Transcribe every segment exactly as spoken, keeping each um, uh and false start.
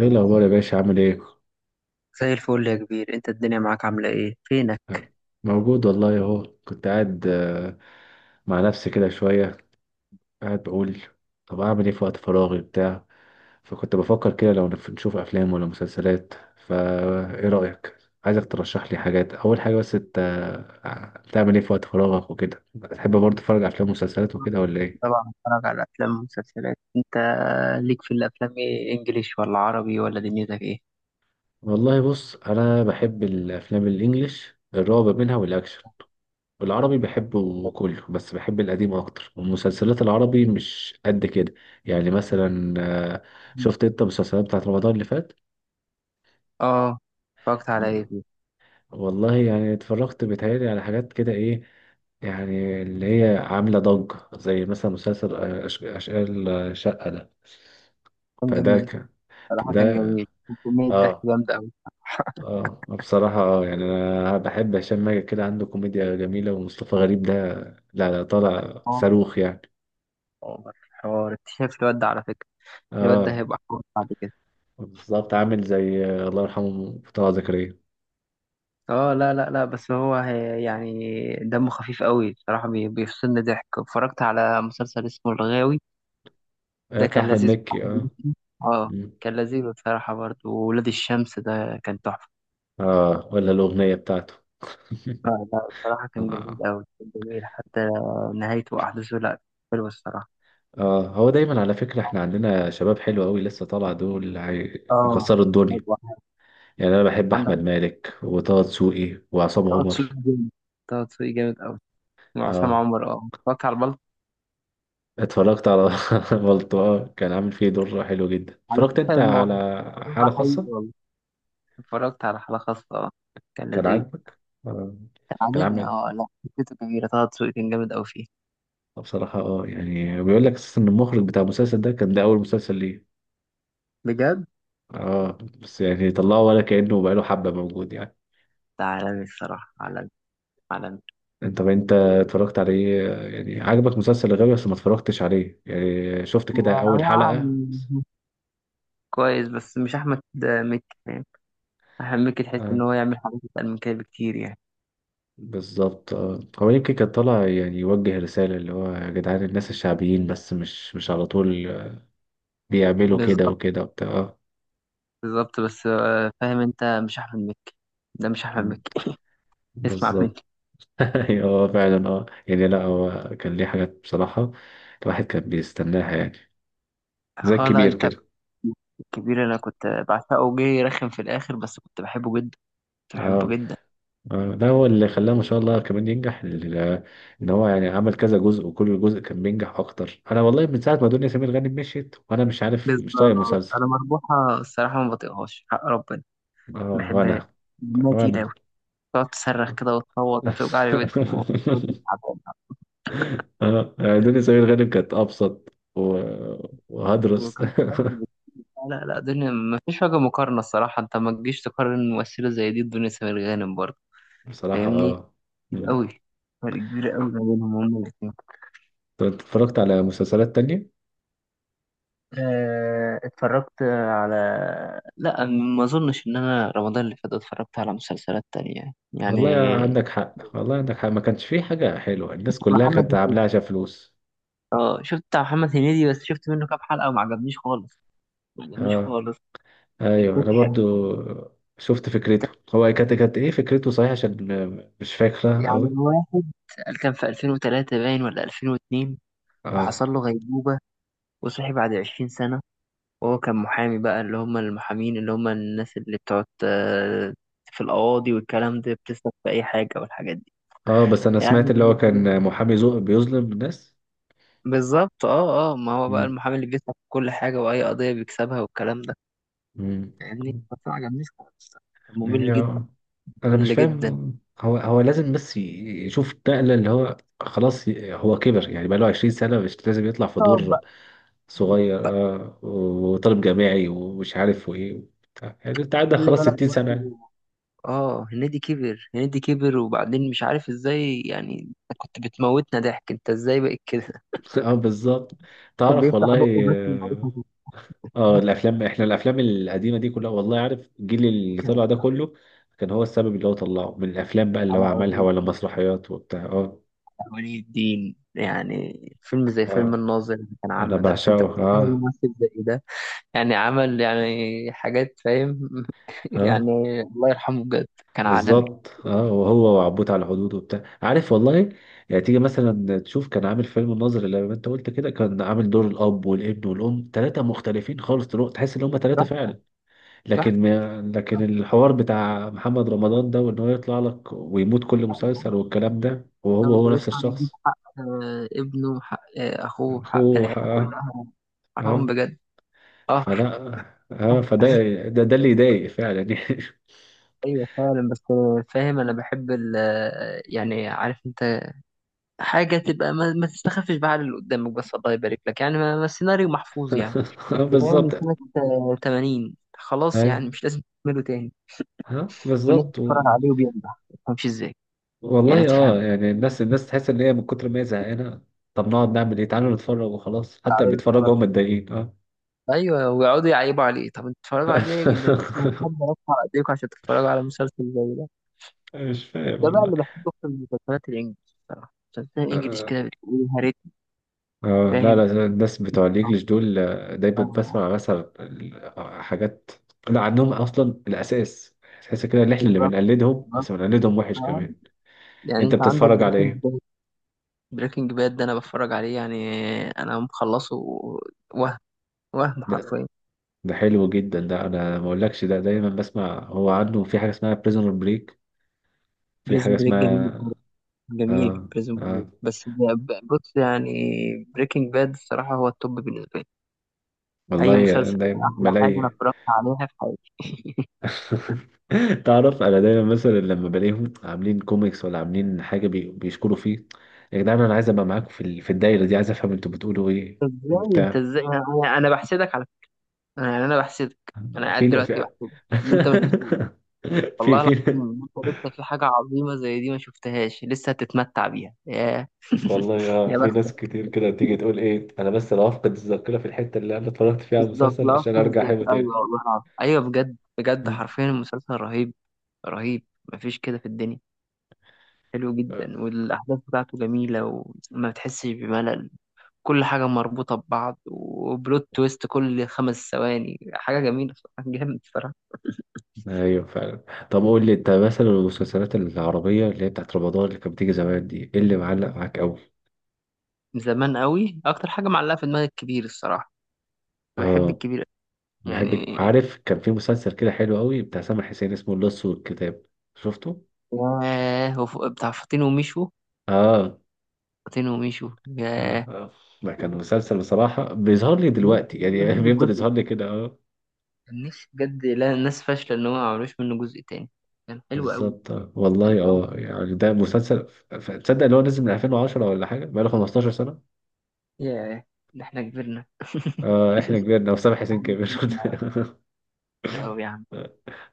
ايه الاخبار يا باشا؟ عامل ايه؟ زي الفل يا كبير. انت الدنيا معاك عاملة ايه؟ فينك؟ موجود والله اهو، كنت قاعد آه، مع نفسي كده شويه، قاعد بقول طب اعمل ايه في وقت فراغي بتاع. فكنت بفكر كده لو نف- نشوف افلام ولا مسلسلات، فا ايه رايك؟ عايزك ترشح لي حاجات. اول حاجه بس انت آه، بتعمل ايه في وقت فراغك وكده؟ بتحب برضه تتفرج على افلام ومسلسلات وكده ولا ايه؟ طبعا بتفرج على افلام ومسلسلات. انت ليك في الافلام ايه، انجليش ولا عربي ولا دنيتك ايه؟ والله بص، انا بحب الافلام الانجليش الرعب منها والاكشن. العربي بحبه كله بس بحب القديم اكتر، والمسلسلات العربي مش قد كده. يعني مثلا آه، مم. شفت انت المسلسلات بتاعت رمضان اللي فات؟ اه، اتفرجت على ايه فيه؟ والله يعني اتفرجت بيتهيألي على حاجات كده، ايه يعني اللي هي عاملة ضجة، زي مثلا مسلسل آه، أش- أشغال آه، شقة ده. كان فده جميل، كان صراحة فده، كان جميل، وكمية ضحك اه. جامدة اوي. اه بصراحة اه يعني أنا بحب هشام ماجد، كده عنده كوميديا جميلة. ومصطفى غريب ده لا لا طالع اه، صاروخ يعني. حوار حوار، انت شايف الواد ده على فكرة؟ الواد ده اه هيبقى حوار بعد كده. بالظبط، عامل زي آه، الله يرحمه طه زكريا. اه، لا لا لا بس هو هي يعني دمه خفيف قوي صراحة، بي- بيفصلني ضحك. اتفرجت على مسلسل اسمه الغاوي، آه، ده بتاع كان أحمد لذيذ. مكي اه. اه، مم. كان لذيذ بصراحة برضه. وولاد الشمس ده كان تحفة. اه ولا الأغنية بتاعته لا لا بصراحة كان جميل اه أوي، كان جميل حتى نهايته وأحداثه. لأ، حلوة الصراحة. آه، هو دايما على فكرة، احنا عندنا شباب حلو قوي لسه طالع، دول اه، هيكسروا الدنيا. حلوة. يعني انا بحب عندك احمد مالك وطه دسوقي وعصام طه عمر. دسوقي جامد، طه دسوقي جامد أوي. وعصام اه عمر، اه اتفرجت على البلطو. اتفرجت على بلطو. اه كان عامل فيه دور حلو جدا. على اتفرجت فكرة انت الموضوع، على الموضوع ده حالة حقيقي خاصة؟ والله. اتفرجت على حلقة خاصة، اه كان كان لذيذ. عاجبك؟ آه، كان كان عاجبني، عامل. اه لا فكرته كبيرة. طه دسوقي كان جامد أوي فيه. بصراحة اه يعني بيقول لك اساسا ان المخرج بتاع المسلسل ده كان ده اول مسلسل ليه. بجد، اه بس يعني طلعه ولا كأنه بقاله حبة موجود يعني. ده عالمي الصراحة، عالمي عالمي. انت انت اتفرجت عليه؟ يعني عجبك مسلسل الغاوي بس ما اتفرجتش عليه، يعني شفت كده اول حلقة؟ يعني كويس بس مش احمد مكي، فاهم؟ احمد مكي تحس اه ان هو يعمل حاجات اتقل من كده بكتير يعني. بالظبط. اه هو يمكن كان طالع يعني يوجه رسالة، اللي هو يا جدعان الناس الشعبيين، بس مش مش على طول بيعملوا كده بالظبط، وكده وبتاع آه. بالظبط بس آه، فاهم؟ انت مش احمد مكي، ده مش احمد مكي. اسمع مني. بالظبط. ايوه هو فعلا اه يعني لا هو كان ليه حاجات بصراحة الواحد كان بيستناها يعني، زي اه لا، الكبير انت كده. الكبير انا كنت بعشقه، جه رخم في الاخر بس كنت بحبه جدا، كنت بحبه اه جدا. اه لا هو اللي خلاه ما شاء الله كمان ينجح، ال- ان هو يعني عمل كذا جزء وكل جزء كان بينجح اكتر. انا والله من ساعة ما دنيا سمير غانم مشيت، وانا مش عارف، بالظبط، مش طايق المسلسل. انا مربوحه الصراحه ما بطيقهاش حق ربنا. ما اه بحبهاش، وانا دمها تقيل قوي. وانا تقعد تصرخ كده وتصوت، توجع لي ودني وودني. اه يعني دنيا سمير غانم كانت ابسط و... وهدرس تعبانة. لا لا دنيا ما فيش وجه مقارنة الصراحة. انت ما تجيش تقارن ممثلة زي دي بدنيا سمير غانم برضه، بصراحة فاهمني؟ اه. كتير مم. قوي، فرق كبير قوي ما بينهم هما الاتنين. طب اتفرجت على مسلسلات تانية؟ آه، اتفرجت على، لا ما اظنش ان انا رمضان اللي فات اتفرجت على مسلسلات تانية يعني. والله عندك حق، والله عندك حق، ما كانش فيه حاجة حلوة، الناس كلها محمد كانت عاملاها هنيدي، عشان فلوس. اه شفت بتاع محمد هنيدي بس شفت منه كام حلقة وما عجبنيش خالص، ما عجبنيش اه خالص. ايوه انا كنت برضو حقيقة. شفت فكرته هو، كانت كانت ايه فكرته صحيح؟ عشان م- مش فاكرة يعني قوي. واحد كان في الفين وثلاثة باين ولا الفين واثنين، اه وحصل له غيبوبة وصحي بعد 20 سنة. وهو كان محامي بقى، اللي هم المحامين اللي هم الناس اللي بتقعد آه، في القواضي والكلام ده، بتسلك في أي حاجة والحاجات دي اه بس انا سمعت يعني. اللي هو كان محامي زو بيظلم الناس. بالظبط، اه اه ما هو بقى امم المحامي اللي بيسلك في كل حاجة وأي قضية بيكسبها والكلام ده امم. يعني. بس ما عجبنيش خالص، كان يعني ممل جدا، آه. انا مش ممل جدا. فاهم، هو هو لازم بس ي- يشوف نقلة اللي هو خلاص، ي- هو كبر يعني، بقى له 20 سنة مش لازم يطلع في اه دور بقى، صغير بقى اه، وطالب جامعي ومش عارف وايه وبتاع. يعني انت عندك خلي خلاص بالك 60 سنة يعني. برضه. اه، هنيدي كبر، هنيدي كبر، وبعدين مش عارف ازاي يعني. انت كنت بتموتنا ضحك، انت ازاي بقيت كده؟ اه بالظبط. كان تعرف بيفتح بقه والله بس اه ومعرفش آه، الافلام، احنا الافلام القديمة دي كلها والله عارف، الجيل اللي يتكلم. طلع ده كله كان هو السبب، اللي هو طلعه من الافلام بقى اللي هو على عملها أوهام، ولا مسرحيات وبتاع اه. ولي الدين، يعني فيلم زي فيلم اه الناظر اللي كان انا عامله ده، انت بعشقه بتتخيل اه. ممثل زي ده يعني عمل يعني حاجات، فاهم؟ اه يعني الله يرحمه بجد، كان عالمي. بالظبط اه، وهو وعبود على الحدود وبتاع، عارف والله. يعني تيجي مثلا تشوف كان عامل فيلم الناظر، اللي ما انت قلت كده، كان عامل دور الاب والابن والام، ثلاثه مختلفين خالص، تلو- تحس ان هم ثلاثه صح، فعلا. صح. لكن ما لكن الحوار بتاع محمد رمضان ده، وان هو يطلع لك ويموت كل مسلسل والكلام ده، وهو هو نفس يطلع يجيب الشخص. حق آه، ابنه، وحق آه، اخوه، وحق اخوه العيله اه. كلها. حرام اه بجد. اه، فلا، اه فده، ده, ده اللي يضايق فعلا يعني. ايوه فعلا. بس فاهم، انا بحب ال، يعني عارف انت، حاجه تبقى ما, ما تستخفش بقى على اللي قدامك. بس الله يبارك لك يعني، ما ما السيناريو محفوظ يعني، بيتعمل من بالظبط، سنة آه، ثمانين خلاص، اي، يعني مش لازم تعمله تاني. ها والناس بالظبط. بتتفرج عليه وبينجح، ما تفهمش ازاي يعني، ما والله تفهم. اه يعني الناس، الناس تحس ان هي من كتر ما هي زهقانه، طب نقعد نعمل ايه؟ تعالوا نتفرج وخلاص. حتى اللي بيتفرجوا هم متضايقين اه. ايوه، ويقعدوا يعيبوا عليه. طب انتوا بتتفرجوا عليه ليه يا جدعان؟ ما في حد رفع ايديكم عشان تتفرجوا على مسلسل زي ده. مش فاهم ده بقى والله اللي بحبه اكتر من المسلسلات الانجليش. بصراحة المسلسلات الانجليش اه كده بتقول يا ريت. آه، لا فاهم، لا الناس بتوع آه، الانجليش دول آه، دايما آه، بسمع مثلا ال- حاجات، لا عندهم اصلا الاساس، تحس كده ان احنا اللي بالظبط، بنقلدهم، بالظبط. بس بنقلدهم وحش آه. كمان. يعني انت انت عندك بتتفرج على بريكنج ايه؟ باد. بريكنج باد ده انا بتفرج عليه يعني، انا مخلصه. وهم وهم ده, حرفيا. ده حلو جدا، ده انا ما اقولكش، ده دايما بسمع، هو عنده في حاجه اسمها بريزون بريك، في حاجه بريزون بريك اسمها جميل، جميل. آه بريزون بريك آه. بس ب- ب- بص يعني، بريكنج باد الصراحة هو التوب بالنسبة لي. أي والله أنا مسلسل، دايما أحلى حاجة أنا بلاقي اتفرجت عليها في حياتي. تعرف انا دايما مثلا لما بلاقيهم عاملين كوميكس ولا عاملين حاجه بي... بيشكروا فيه، يا جدعان انا عايز ابقى معاكم في ال... في الدايره دي، عايز افهم انتوا بتقولوا ايه أنت إزاي، أنت وبتاع. إزاي أنا أنا أنا بحسدك على فكرة. أنا يعني أنا بحسدك، أنا في قاعد لا دلوقتي في بحسدك إن أنت ما شفتوش. في والله في العظيم إن أنت لسه في حاجة عظيمة زي دي ما شفتهاش، لسه هتتمتع بيها. ياه. والله اه. يا في ناس بختك، كتير كده تيجي تقول ايه، انا بس انا هفقد الذاكره في الحته اللي انا اتفرجت فيها على بالظبط المسلسل عشان لاست ارجع احبه الذاكرة. تاني. أيوه والله العظيم، أيوه بجد بجد، حرفيا المسلسل رهيب، رهيب، مفيش كده في الدنيا. حلو مم. جدا، والأحداث بتاعته جميلة، وما بتحسش بملل. كل حاجة مربوطة ببعض، وبلوت تويست كل خمس ثواني حاجة جميلة بصراحة، جامد بصراحة. ايوه فعلا. طب قول لي انت مثلا المسلسلات العربية اللي هي بتاعت رمضان اللي كانت بتيجي زمان دي، ايه اللي معلق معاك قوي؟ من زمان قوي، أكتر حاجة معلقة في دماغي الكبير الصراحة، بحب اه الكبير. بحبك، يعني عارف كان في مسلسل كده حلو قوي بتاع سامح حسين اسمه اللص والكتاب. شفته؟ ياه، وف- بتاع فاطين وميشو، اه فاطين وميشو، اه ياه. آه. ده كان مسلسل بصراحة بيظهر لي كان نفسي دلوقتي يعملوا يعني، منه بيفضل جزء، يظهر لي كده اه. كان نفسي بجد. لا الناس فاشلة إن هو ما عملوش منه جزء تاني، كان حلو قوي، بالظبط آه. حلو والله قوي. اه يعني ده مسلسل ف- ف- تصدق ان هو نزل من ألفين وعشرة ولا حاجة، بقاله 15 سنة. ياه، ده احنا كبرنا. اه احنا كبرنا وسامح حسين كبر أوي يا عم،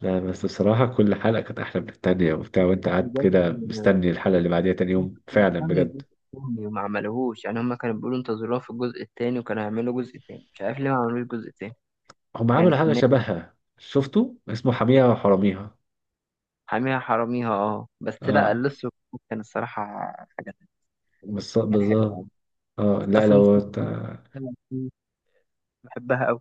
لا بس بصراحة كل حلقة كانت أحلى من التانية وبتاع، وأنت قاعد كده بجد. مستني الحلقة اللي بعديها تاني يوم فعلا مهتم بجد. الجزء التاني وما عملوهوش. يعني هما كانوا بيقولوا انتظروها في الجزء التاني، وكانوا هيعملوا جزء تاني، مش عارف ليه ما عملوش جزء تاني. هم يعني عملوا حاجة كنا، شبهها، شفتوا اسمه حاميها وحراميها؟ حاميها حراميها اه بس لا اه لسه. كان الصراحة حاجة تانية. بس كان حلو بالظبط. أوي، اه حتى لا في لو موسيقى ت- كده كانت بتشتغل فيه، بحبها أوي.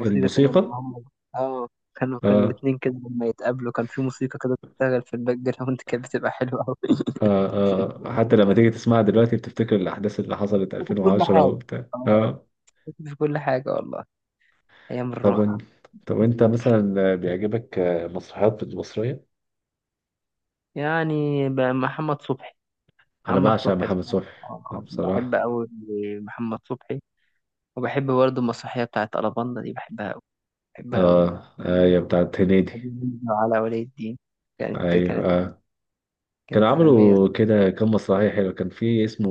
موسيقى كده لما هم، اه كانوا، كان اه الاتنين كده لما يتقابلوا كان في موسيقى كده بتشتغل في الباك جراوند، كانت بتبقى حلوة أوي. آه آه، حتى لما تيجي تسمعها دلوقتي بتفتكر الأحداث اللي حصلت كنت في كل ألفين وعشرة حاجة، وبتاع اه اه. كنت في كل حاجة والله، أيام طب وانت، الراحة. طب وانت مثلا بيعجبك مسرحيات مصرية؟ يعني ب- محمد صبحي، أنا محمد بعشق صبحي محمد الصراحة. صبحي آه، بحب بصراحة. أوي محمد صبحي. وبحب برضه المسرحية بتاعت ألاباندا دي، بحبها أوي، بحبها أوي. اه آه، هي بتاعت هادي هنيدي. نجم على ولي الدين، كانت ايوه كانت آه. كانوا كانت عالمية. عملوا كده كام مسرحيه حلوه، كان في اسمه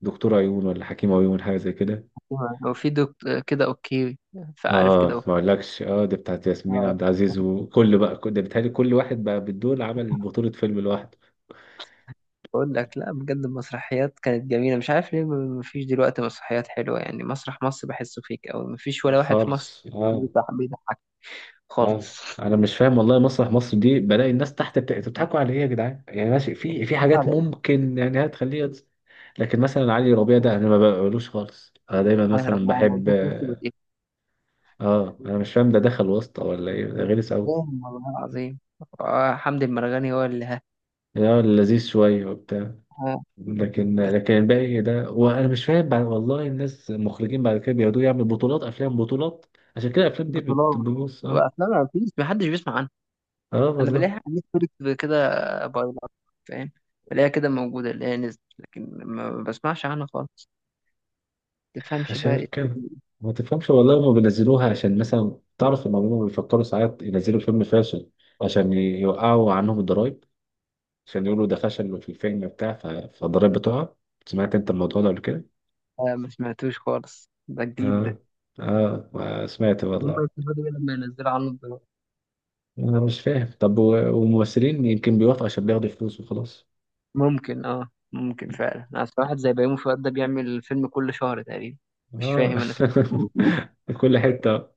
دكتور عيون ولا حكيم عيون حاجه زي كده. الصراحة وفي دكتور كده، أوكي فعارف اه كده أوكي. ما اقولكش اه، دي بتاعت ياسمين عبد آه، العزيز. وكل بقى كل- ده بيتهيألي كل واحد بقى بالدول عمل بطوله فيلم لوحده. بقول لك لا بجد، المسرحيات كانت جميلة. مش عارف ليه م- مفيش دلوقتي مسرحيات حلوة. يعني مسرح مصر بحسه فيك أوي، مفيش آه، ولا واحد في مصر خالص اه. بيضحك، بيضحك اه خالص. انا مش فاهم والله مسرح مصر دي، بلاقي الناس تحت بت... انتوا بتضحكوا على ايه يا جدعان؟ يعني ماشي، في في حاجات على إيه؟ ممكن يعني هتخليها تس- لكن مثلا علي ربيع ده انا ما بقولوش خالص. انا دايما على مثلا ربنا أنا بحب بشوف نفسي بتقفل. اه، انا مش فاهم ده دخل واسطه ولا ايه؟ ده غلس قوي. بوم والله عظيم. آه، حمدي المرغني هو اللي ها. اه لذيذ شوية وبتاع. آه، لكن بس لكن الباقي ده وانا مش فاهم، بعد والله الناس المخرجين بعد كده بيقعدوا يعملوا بطولات افلام، بطولات عشان كده الافلام دي بت- بطولات، بتبوظ اه. وافلام ما فيش محدش بيسمع عنها. اه انا والله بلاقيها على نتفليكس كده بايلات، فاهم؟ بلاقيها كده موجوده اللي هي نزلت، لكن ما بسمعش عنها خالص. تفهمش بقى عشان ايه. كده ما تفهمش والله، هما بينزلوها عشان مثلا تعرف ان هما بيفكروا ساعات ينزلوا فيلم فاشل عشان يوقعوا عنهم الضرايب، عشان يقولوا ده فشل في الفيلم بتاع ف- فالضرايب بتقع. سمعت انت الموضوع ده قبل كده؟ آه، ما سمعتوش خالص، ده جديد ده. اه اه سمعت هم والله. يستفادوا ايه لما ينزلوا عنه دلوقتي؟ انا مش فاهم، طب و- والممثلين يمكن بيوافقوا عشان بياخدوا فلوس وخلاص. ممكن، اه ممكن فعلا. انا أصل واحد زي بيومي فؤاد ده بيعمل فيلم كل شهر تقريبا، مش اه فاهم انا. فيه، كل حته.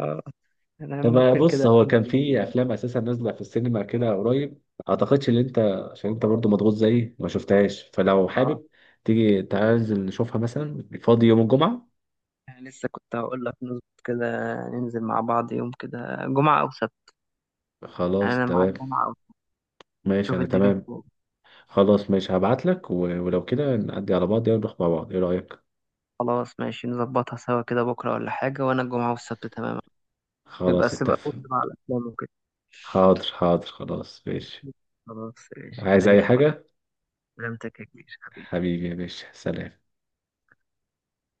اه انا طب ممكن بص، كده. هو كان في افلام اساسا نازله في السينما كده قريب، اعتقدش ان انت، عشان انت برضو مضغوط زيي، ما شفتهاش. فلو اه حابب تيجي، تعال نشوفها مثلا فاضي يوم الجمعه. أنا لسه كنت هقول لك نظبط كده، ننزل مع بعض يوم كده جمعة أو سبت. يعني خلاص أنا معاك تمام، جمعة أو سبت، ماشي شوف انا الدنيا تمام. فيه. خلاص ماشي، هبعت لك و... ولو كده نعدي على بعض ونروح مع بعض، ايه رايك؟ خلاص ماشي، نظبطها سوا كده بكرة ولا حاجة. وأنا الجمعة والسبت تماما. يبقى خلاص السبت بص اتفق. مع الأفلام وكده. حاضر حاضر خلاص ماشي. خلاص ماشي، عايز زي اي الفل. حاجه؟ سلامتك يا كبير حبيبي. حبيبي يا باشا، سلام.